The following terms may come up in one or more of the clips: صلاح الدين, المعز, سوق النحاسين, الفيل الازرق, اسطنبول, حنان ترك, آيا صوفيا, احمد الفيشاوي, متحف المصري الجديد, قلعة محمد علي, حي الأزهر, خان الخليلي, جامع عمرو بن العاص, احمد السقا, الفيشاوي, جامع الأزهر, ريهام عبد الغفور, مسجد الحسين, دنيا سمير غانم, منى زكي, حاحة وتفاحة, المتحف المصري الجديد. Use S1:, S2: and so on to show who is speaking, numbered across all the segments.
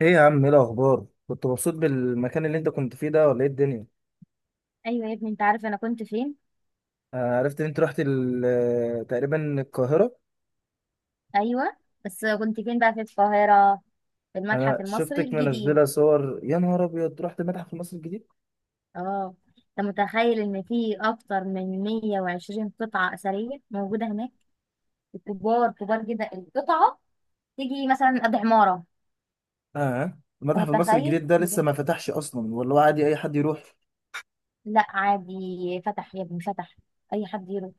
S1: ايه يا عم، ايه الاخبار؟ كنت مبسوط بالمكان اللي انت كنت فيه ده ولا ايه الدنيا؟
S2: ايوه يا ابني، انت عارف انا كنت فين؟
S1: عرفت ان انت رحت تقريبا القاهره.
S2: ايوه. بس كنت فين بقى في القاهره؟ في المتحف
S1: انا
S2: المصري
S1: شفتك
S2: الجديد.
S1: منزله صور، يا نهار ابيض، رحت المتحف المصري الجديد!
S2: اه، انت متخيل ان في اكتر من 120 قطعه اثريه موجوده هناك. كبار كبار جدا القطعه. تيجي مثلا قد عماره.
S1: اه،
S2: انت
S1: المتحف المصري
S2: متخيل
S1: الجديد ده
S2: بجد؟
S1: لسه ما فتحش اصلا ولا هو عادي اي حد يروح؟
S2: لا، عادي فتح يا ابني، فتح. اي حد يروح.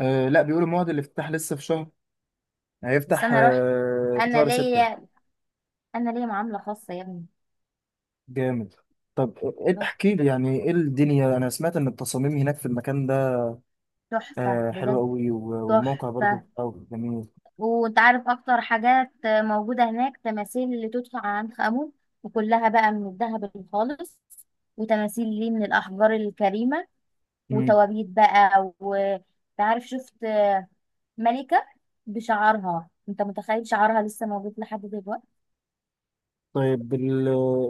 S1: آه لا، بيقولوا موعد الافتتاح لسه في شهر.
S2: بس
S1: هيفتح
S2: انا رحت.
S1: في
S2: انا
S1: شهر ستة.
S2: ليا انا ليا معامله خاصه يا ابني.
S1: جامد. طب ايه إيه،
S2: ده
S1: احكي لي يعني ايه الدنيا. انا سمعت ان التصاميم هناك في المكان ده
S2: تحفه
S1: آه حلوه
S2: بجد.
S1: قوي، والموقع
S2: تحفه.
S1: برضو أوي جميل.
S2: وانت عارف، اكتر حاجات موجودة هناك تماثيل اللي تدفع عن خامو، وكلها بقى من الذهب الخالص، وتماثيل ليه من الاحجار الكريمة، وتوابيت بقى. وتعرف، شفت ملكة بشعرها؟ انت متخيل شعرها لسه موجود لحد دلوقتي؟
S1: طيب بال...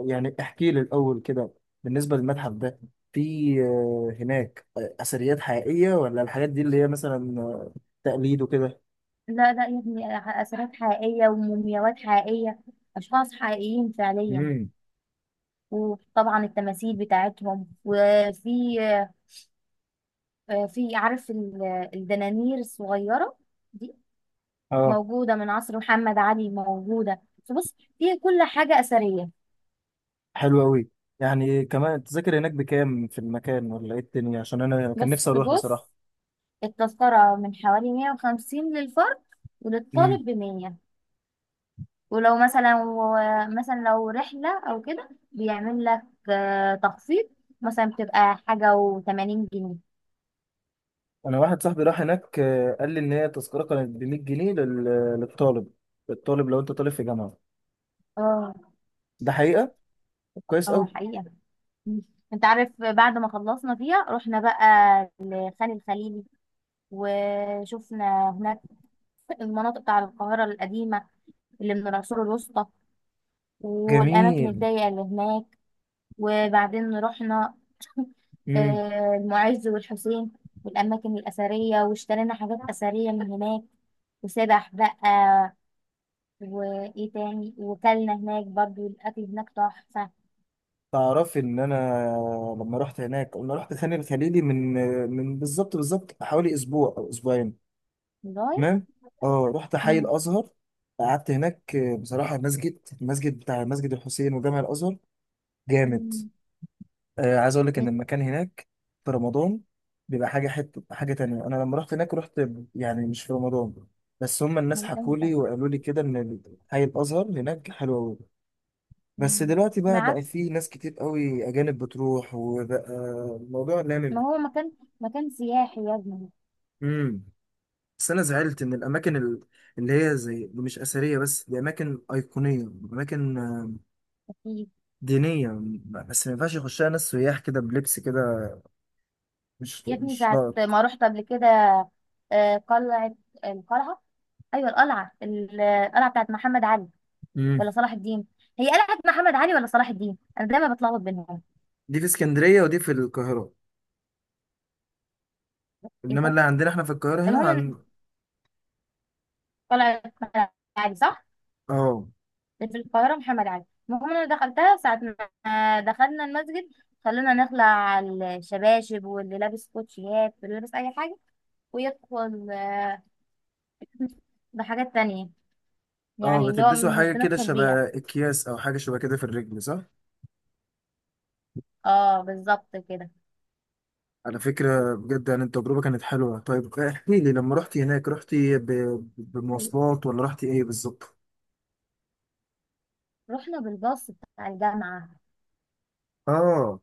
S1: يعني احكي لي الأول كده، بالنسبة للمتحف ده، في هناك أثريات حقيقية ولا الحاجات دي اللي هي مثلا تقليد وكده؟
S2: لا لا يا ابني، اثارات حقيقية ومومياوات حقيقية. اشخاص حقيقيين فعليا.
S1: امم.
S2: وطبعا التماثيل بتاعتهم. وفي في، عارف الدنانير الصغيرة دي،
S1: اه
S2: موجودة من عصر محمد علي، موجودة. فبص فيها كل حاجة أثرية.
S1: حلو أوي. يعني كمان التذاكر هناك بكام في المكان ولا إيه الدنيا؟ عشان أنا كان نفسي
S2: بس
S1: أروح
S2: بص،
S1: بصراحة.
S2: التذكرة من حوالي 150 للفرد،
S1: امم.
S2: وللطالب ب 100. ولو مثلا، مثلا لو رحلة أو كده بيعمل لك تخفيض. مثلا بتبقى حاجة و80 جنيه.
S1: أنا واحد صاحبي راح هناك، قال لي إن هي التذكرة كانت ب 100 جنيه للطالب، للطالب لو أنت طالب في جامعة.
S2: اه،
S1: ده حقيقة؟ طب كويس
S2: اه،
S1: أوي.
S2: حقيقة. مم. انت عارف، بعد ما خلصنا فيها رحنا بقى لخان الخليلي، وشفنا هناك المناطق بتاع القاهرة القديمة، اللي من العصور الوسطى، والأماكن
S1: جميل.
S2: الضيقة اللي هناك. وبعدين رحنا المعز والحسين، والأماكن الأثرية، واشترينا حاجات أثرية من هناك. وسبح بقى، وإيه تاني. وكلنا هناك برضو، الأكل هناك تحفة.
S1: تعرفي ان انا لما رحت هناك، انا رحت خان الخليلي من بالظبط حوالي اسبوع او اسبوعين.
S2: والله.
S1: تمام. اه، رحت حي
S2: مم.
S1: الازهر، قعدت هناك بصراحه. المسجد، المسجد بتاع مسجد الحسين وجامع الازهر، جامد.
S2: مم.
S1: عايز اقول لك ان
S2: مم.
S1: المكان هناك في رمضان بيبقى حاجه، حته حاجه تانية. انا لما رحت هناك رحت يعني مش في رمضان، بس هم الناس
S2: من
S1: حكوا
S2: إمتى؟
S1: لي وقالوا لي كده ان حي الازهر هناك حلو قوي. بس
S2: مم.
S1: دلوقتي بقى
S2: معاك.
S1: في ناس كتير قوي اجانب بتروح، وبقى الموضوع
S2: ما
S1: لامم.
S2: هو مكان، مكان سياحي يا ابني.
S1: امم. بس انا زعلت ان اللي هي زي مش اثريه بس، دي اماكن ايقونيه، اماكن دينيه. بس ما ينفعش يخشها ناس سياح كده بلبس كده، مش
S2: يا ابني،
S1: مش
S2: ساعة
S1: لائق.
S2: ما رحت قبل كده، قلعة، القلعة، أيوة القلعة، القلعة بتاعت محمد علي
S1: امم.
S2: ولا صلاح الدين؟ هي قلعة محمد علي ولا صلاح الدين؟ أنا دايما بتلخبط بينهم.
S1: دي في اسكندريه ودي في القاهره،
S2: إيه
S1: انما
S2: ده.
S1: اللي عندنا احنا في القاهره هنا
S2: المهم إن
S1: عن.
S2: قلعة محمد علي، صح؟
S1: اه.
S2: اللي في القاهرة محمد علي. المهم، أنا دخلتها ساعة ما دخلنا المسجد، خلونا نخلع على الشباشب، واللي لابس كوتشيات واللي لابس أي حاجة ويدخل بحاجات تانية،
S1: اه،
S2: يعني اللي هو
S1: بتلبسوا
S2: مش
S1: حاجه كده
S2: بندخل
S1: شبه
S2: بيها.
S1: اكياس او حاجه شبه كده في الرجل، صح؟
S2: اه، بالظبط
S1: على
S2: كده.
S1: فكرة بجد، يعني التجربة كانت حلوة. طيب احكي لي، لما رحتي هناك رحتي بمواصلات ولا رحتي ايه بالظبط؟
S2: رحنا بالباص بتاع الجامعة.
S1: اه.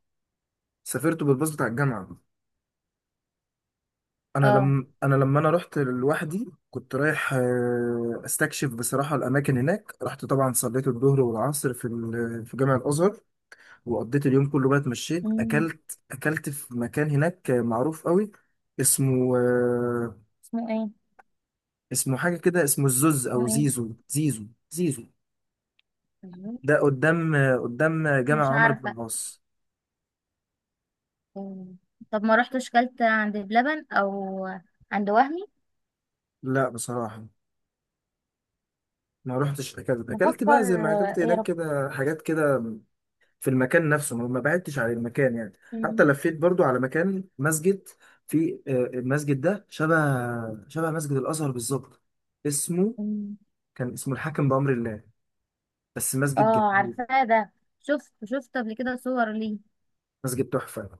S1: سافرت بالباص بتاع الجامعة. انا
S2: اه.
S1: لما انا لما انا رحت لوحدي كنت رايح استكشف بصراحة الاماكن هناك. رحت طبعا صليت الظهر والعصر في جامع الازهر. وقضيت اليوم كله بقى، اتمشيت،
S2: مم.
S1: اكلت في مكان هناك معروف قوي، اسمه
S2: اسمه ايه؟
S1: اسمه حاجة كده، اسمه الزوز
S2: اسمه
S1: او
S2: ايه؟
S1: زيزو، زيزو، زيزو. ده قدام، قدام
S2: مش
S1: جامع عمرو بن
S2: عارفة.
S1: العاص.
S2: مم. طب ما رحتش كلت عند بلبن او عند وهمي؟
S1: لا بصراحة، ما روحتش. أكلت
S2: بفكر
S1: بقى زي ما أكلت
S2: ايه يا
S1: هناك
S2: رب.
S1: كده حاجات كده، في المكان نفسه، ما بعدتش عن المكان يعني. حتى
S2: مم.
S1: لفيت برضو على مكان مسجد، في المسجد ده شبه مسجد الأزهر بالظبط. اسمه،
S2: مم.
S1: كان اسمه الحاكم بأمر الله. بس مسجد
S2: اه،
S1: جميل.
S2: عارفاه ده. شفت قبل كده صور ليه.
S1: مسجد تحفة.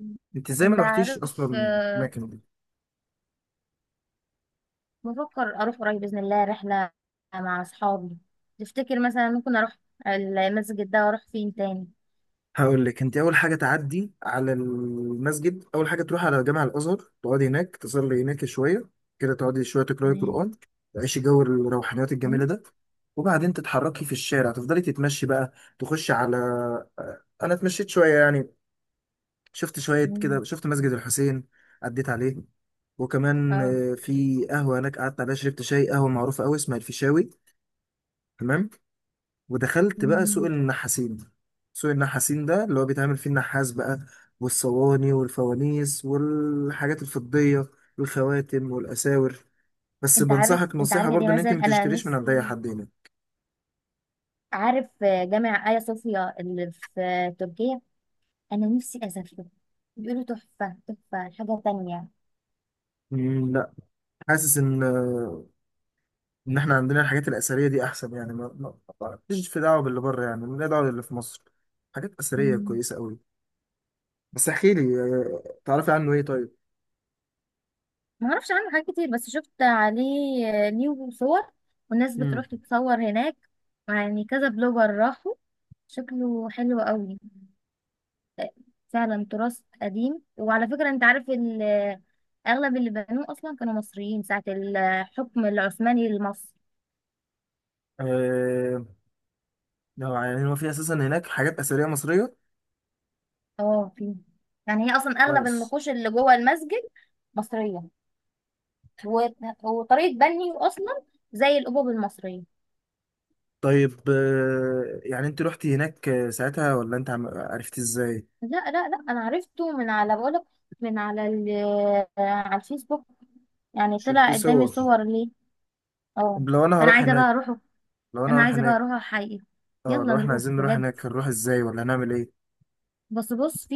S2: مم.
S1: أنت إزاي ما
S2: انت
S1: روحتيش أصلا
S2: عارف.
S1: المكان؟
S2: بفكر اروح قريب بإذن الله رحلة مع اصحابي. تفتكر مثلا ممكن اروح المسجد ده واروح فين تاني؟
S1: هقول لك، انت اول حاجه تعدي على المسجد، اول حاجه تروح على جامع الازهر، تقعدي هناك تصلي هناك شويه كده، تقعدي شويه تقراي
S2: تمام.
S1: قران، تعيشي جو الروحانيات
S2: مم.
S1: الجميله ده. وبعدين تتحركي في الشارع، تفضلي تتمشي بقى، تخشي على انا اتمشيت شويه يعني، شفت شويه
S2: مم.
S1: كده، شفت مسجد الحسين، عديت عليه. وكمان
S2: اه.
S1: في قهوه هناك قعدت عليها، شربت شاي، قهوه معروفه قوي اسمها الفيشاوي. تمام. ودخلت بقى سوق
S2: مم.
S1: النحاسين. سوق النحاسين ده اللي هو بيتعمل فيه النحاس بقى، والصواني والفوانيس والحاجات الفضية والخواتم والأساور. بس
S2: انت عارف
S1: بنصحك
S2: انت
S1: نصيحة
S2: عارف يا دي،
S1: برضو إن أنت
S2: مثلا
S1: ما
S2: انا
S1: تشتريش من عند أي
S2: نفسي،
S1: حد هنا.
S2: عارف جامع ايا صوفيا اللي في تركيا؟ انا نفسي اسافره. بيقولوا تحفه تحفه، حاجه تانية.
S1: مم، لا. حاسس إن إحنا عندنا الحاجات الأثرية دي أحسن، يعني ماليش في دعوة باللي بره، يعني ماليش دعوة باللي في مصر. حاجات أثرية
S2: مم.
S1: كويسة أوي. بس احكي لي تعرفي عنه إيه طيب؟
S2: ما اعرفش عنه حاجات كتير، بس شفت عليه ليه صور، والناس
S1: امم.
S2: بتروح تتصور هناك. يعني كذا بلوجر راحوا. شكله حلو قوي. فعلا تراث قديم، وعلى فكره انت عارف، اغلب اللي بنوه اصلا كانوا مصريين ساعه الحكم العثماني لمصر.
S1: آه... يعني هو في أساسا هناك حاجات أثرية مصرية؟
S2: اه، في. يعني هي اصلا اغلب
S1: كويس.
S2: النقوش اللي جوه المسجد مصريه، و- وطريقه بنيه اصلا زي الابواب المصريه.
S1: طيب يعني انت رحتي هناك ساعتها ولا انت عرفتي ازاي؟
S2: لا لا لا، انا عرفته من على، بقولك، من على على الفيسبوك. يعني
S1: شفت
S2: طلع قدامي
S1: صور؟
S2: صور ليه. اه،
S1: طب لو انا
S2: فانا
S1: هروح
S2: عايزه بقى
S1: هناك،
S2: اروحه.
S1: لو انا
S2: انا
S1: هروح
S2: عايزه بقى
S1: هناك،
S2: اروحه حقيقي.
S1: اه،
S2: يلا
S1: لو احنا
S2: نروح
S1: عايزين نروح
S2: بجد.
S1: هناك هنروح ازاي ولا هنعمل ايه؟
S2: بس بص، في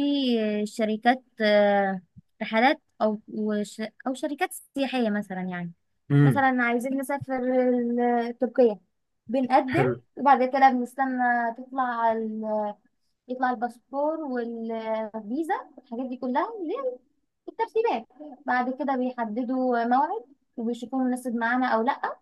S2: شركات رحلات، او او شركات سياحيه مثلا يعني.
S1: امم.
S2: مثلا عايزين نسافر تركيا، بنقدم،
S1: حلو.
S2: وبعد كده بنستنى تطلع ال... يطلع الباسبور والفيزا والحاجات دي كلها، اللي هي الترتيبات. بعد كده بيحددوا موعد، وبيشوفوا مناسب معانا او لا.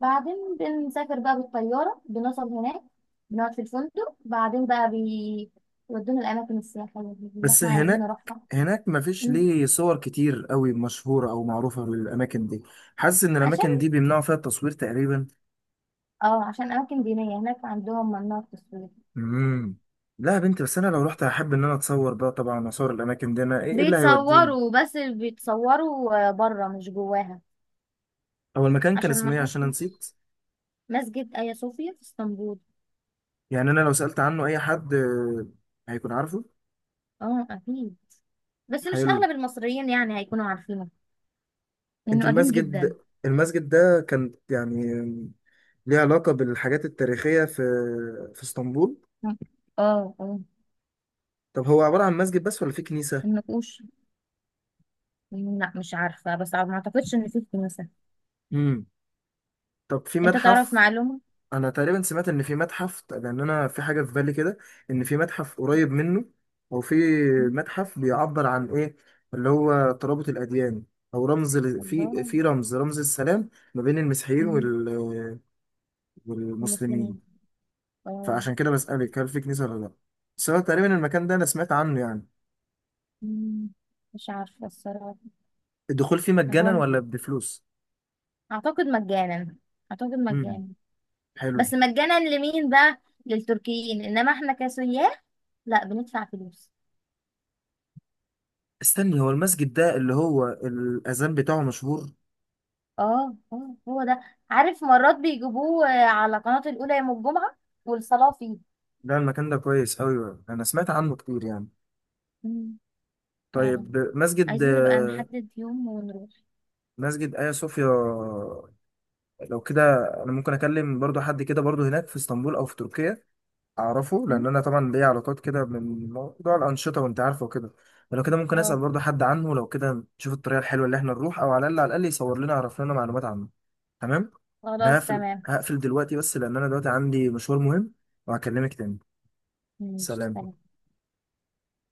S2: بعدين بنسافر بقى بالطيارة، بنوصل هناك. بنقعد في الفندق، بعدين بقى بيودونا الأماكن السياحية دي اللي
S1: بس
S2: احنا عايزين
S1: هناك
S2: نروحها.
S1: هناك مفيش
S2: مم.
S1: ليه صور كتير قوي مشهورة او معروفة للاماكن دي. حاسس ان
S2: عشان،
S1: الاماكن دي بيمنعوا فيها التصوير تقريبا.
S2: اه، عشان أماكن دينية هناك عندهم ممنوع التصوير.
S1: امم. لا يا بنتي، بس انا لو رحت هحب ان انا اتصور بقى طبعا، اصور الاماكن دي، انا ايه اللي هيوديني؟
S2: بيتصوروا، بس بيتصوروا بره مش جواها.
S1: هو المكان كان
S2: عشان ما
S1: اسمه ايه؟ عشان أنا
S2: حدش.
S1: نسيت.
S2: مسجد آيا صوفيا في اسطنبول.
S1: يعني انا لو سألت عنه اي حد هيكون عارفه؟
S2: اه، أكيد. بس مش
S1: حلو.
S2: أغلب المصريين يعني هيكونوا عارفينه،
S1: انت
S2: لأنه قديم
S1: المسجد،
S2: جدا.
S1: المسجد ده كان يعني ليه علاقة بالحاجات التاريخية في في اسطنبول؟
S2: اه، اه،
S1: طب هو عبارة عن مسجد بس ولا في كنيسة؟
S2: النقوش. لا، مش عارفة، بس ما أعتقدش إن فيه كنيسة.
S1: امم. طب في
S2: انت تعرف
S1: متحف؟
S2: معلومة.
S1: انا تقريبا سمعت ان في متحف، لان انا في حاجة في بالي كده ان في متحف قريب منه، او في
S2: مم.
S1: متحف بيعبر عن ايه، اللي هو ترابط الاديان، او رمز ل- في
S2: والله.
S1: في رمز رمز السلام ما بين المسيحيين
S2: مم.
S1: وال
S2: المسلمين.
S1: والمسلمين.
S2: اه.
S1: فعشان كده بسألك هل في كنيسة ولا لا. بس هو تقريبا المكان ده انا سمعت عنه يعني.
S2: مم. مش عارفة الصراحة.
S1: الدخول فيه
S2: هو
S1: مجانا
S2: أنا
S1: ولا بفلوس؟
S2: اعتقد مجانا. اعتقد
S1: امم.
S2: مجانا.
S1: حلو.
S2: بس مجانا لمين بقى؟ للتركيين، انما احنا كسياح لا، بندفع فلوس.
S1: استني، هو المسجد ده اللي هو الأذان بتاعه مشهور؟
S2: اه، اه، هو ده. عارف، مرات بيجيبوه على قناة الأولى يوم الجمعة، والصلاة فيه.
S1: ده المكان ده كويس قوي، انا سمعت عنه كتير يعني.
S2: مم. فعلا،
S1: طيب مسجد،
S2: عايزين نبقى نحدد يوم ونروح.
S1: مسجد آيا صوفيا. لو كده، انا ممكن اكلم برضو حد كده برضو هناك في اسطنبول او في تركيا اعرفه،
S2: مم.
S1: لان انا طبعا ليا علاقات كده من موضوع الانشطه وانت عارفه وكده. فلو كده ممكن اسال
S2: اه،
S1: برضه حد عنه، لو كده نشوف الطريقه الحلوه اللي احنا نروح، او على الاقل يصور لنا، يعرف لنا معلومات عنه. تمام. انا
S2: خلاص
S1: هقفل
S2: تمام.
S1: هقفل دلوقتي بس لان انا دلوقتي عندي مشوار مهم، وهكلمك تاني.
S2: ماشي
S1: سلام.
S2: تمام.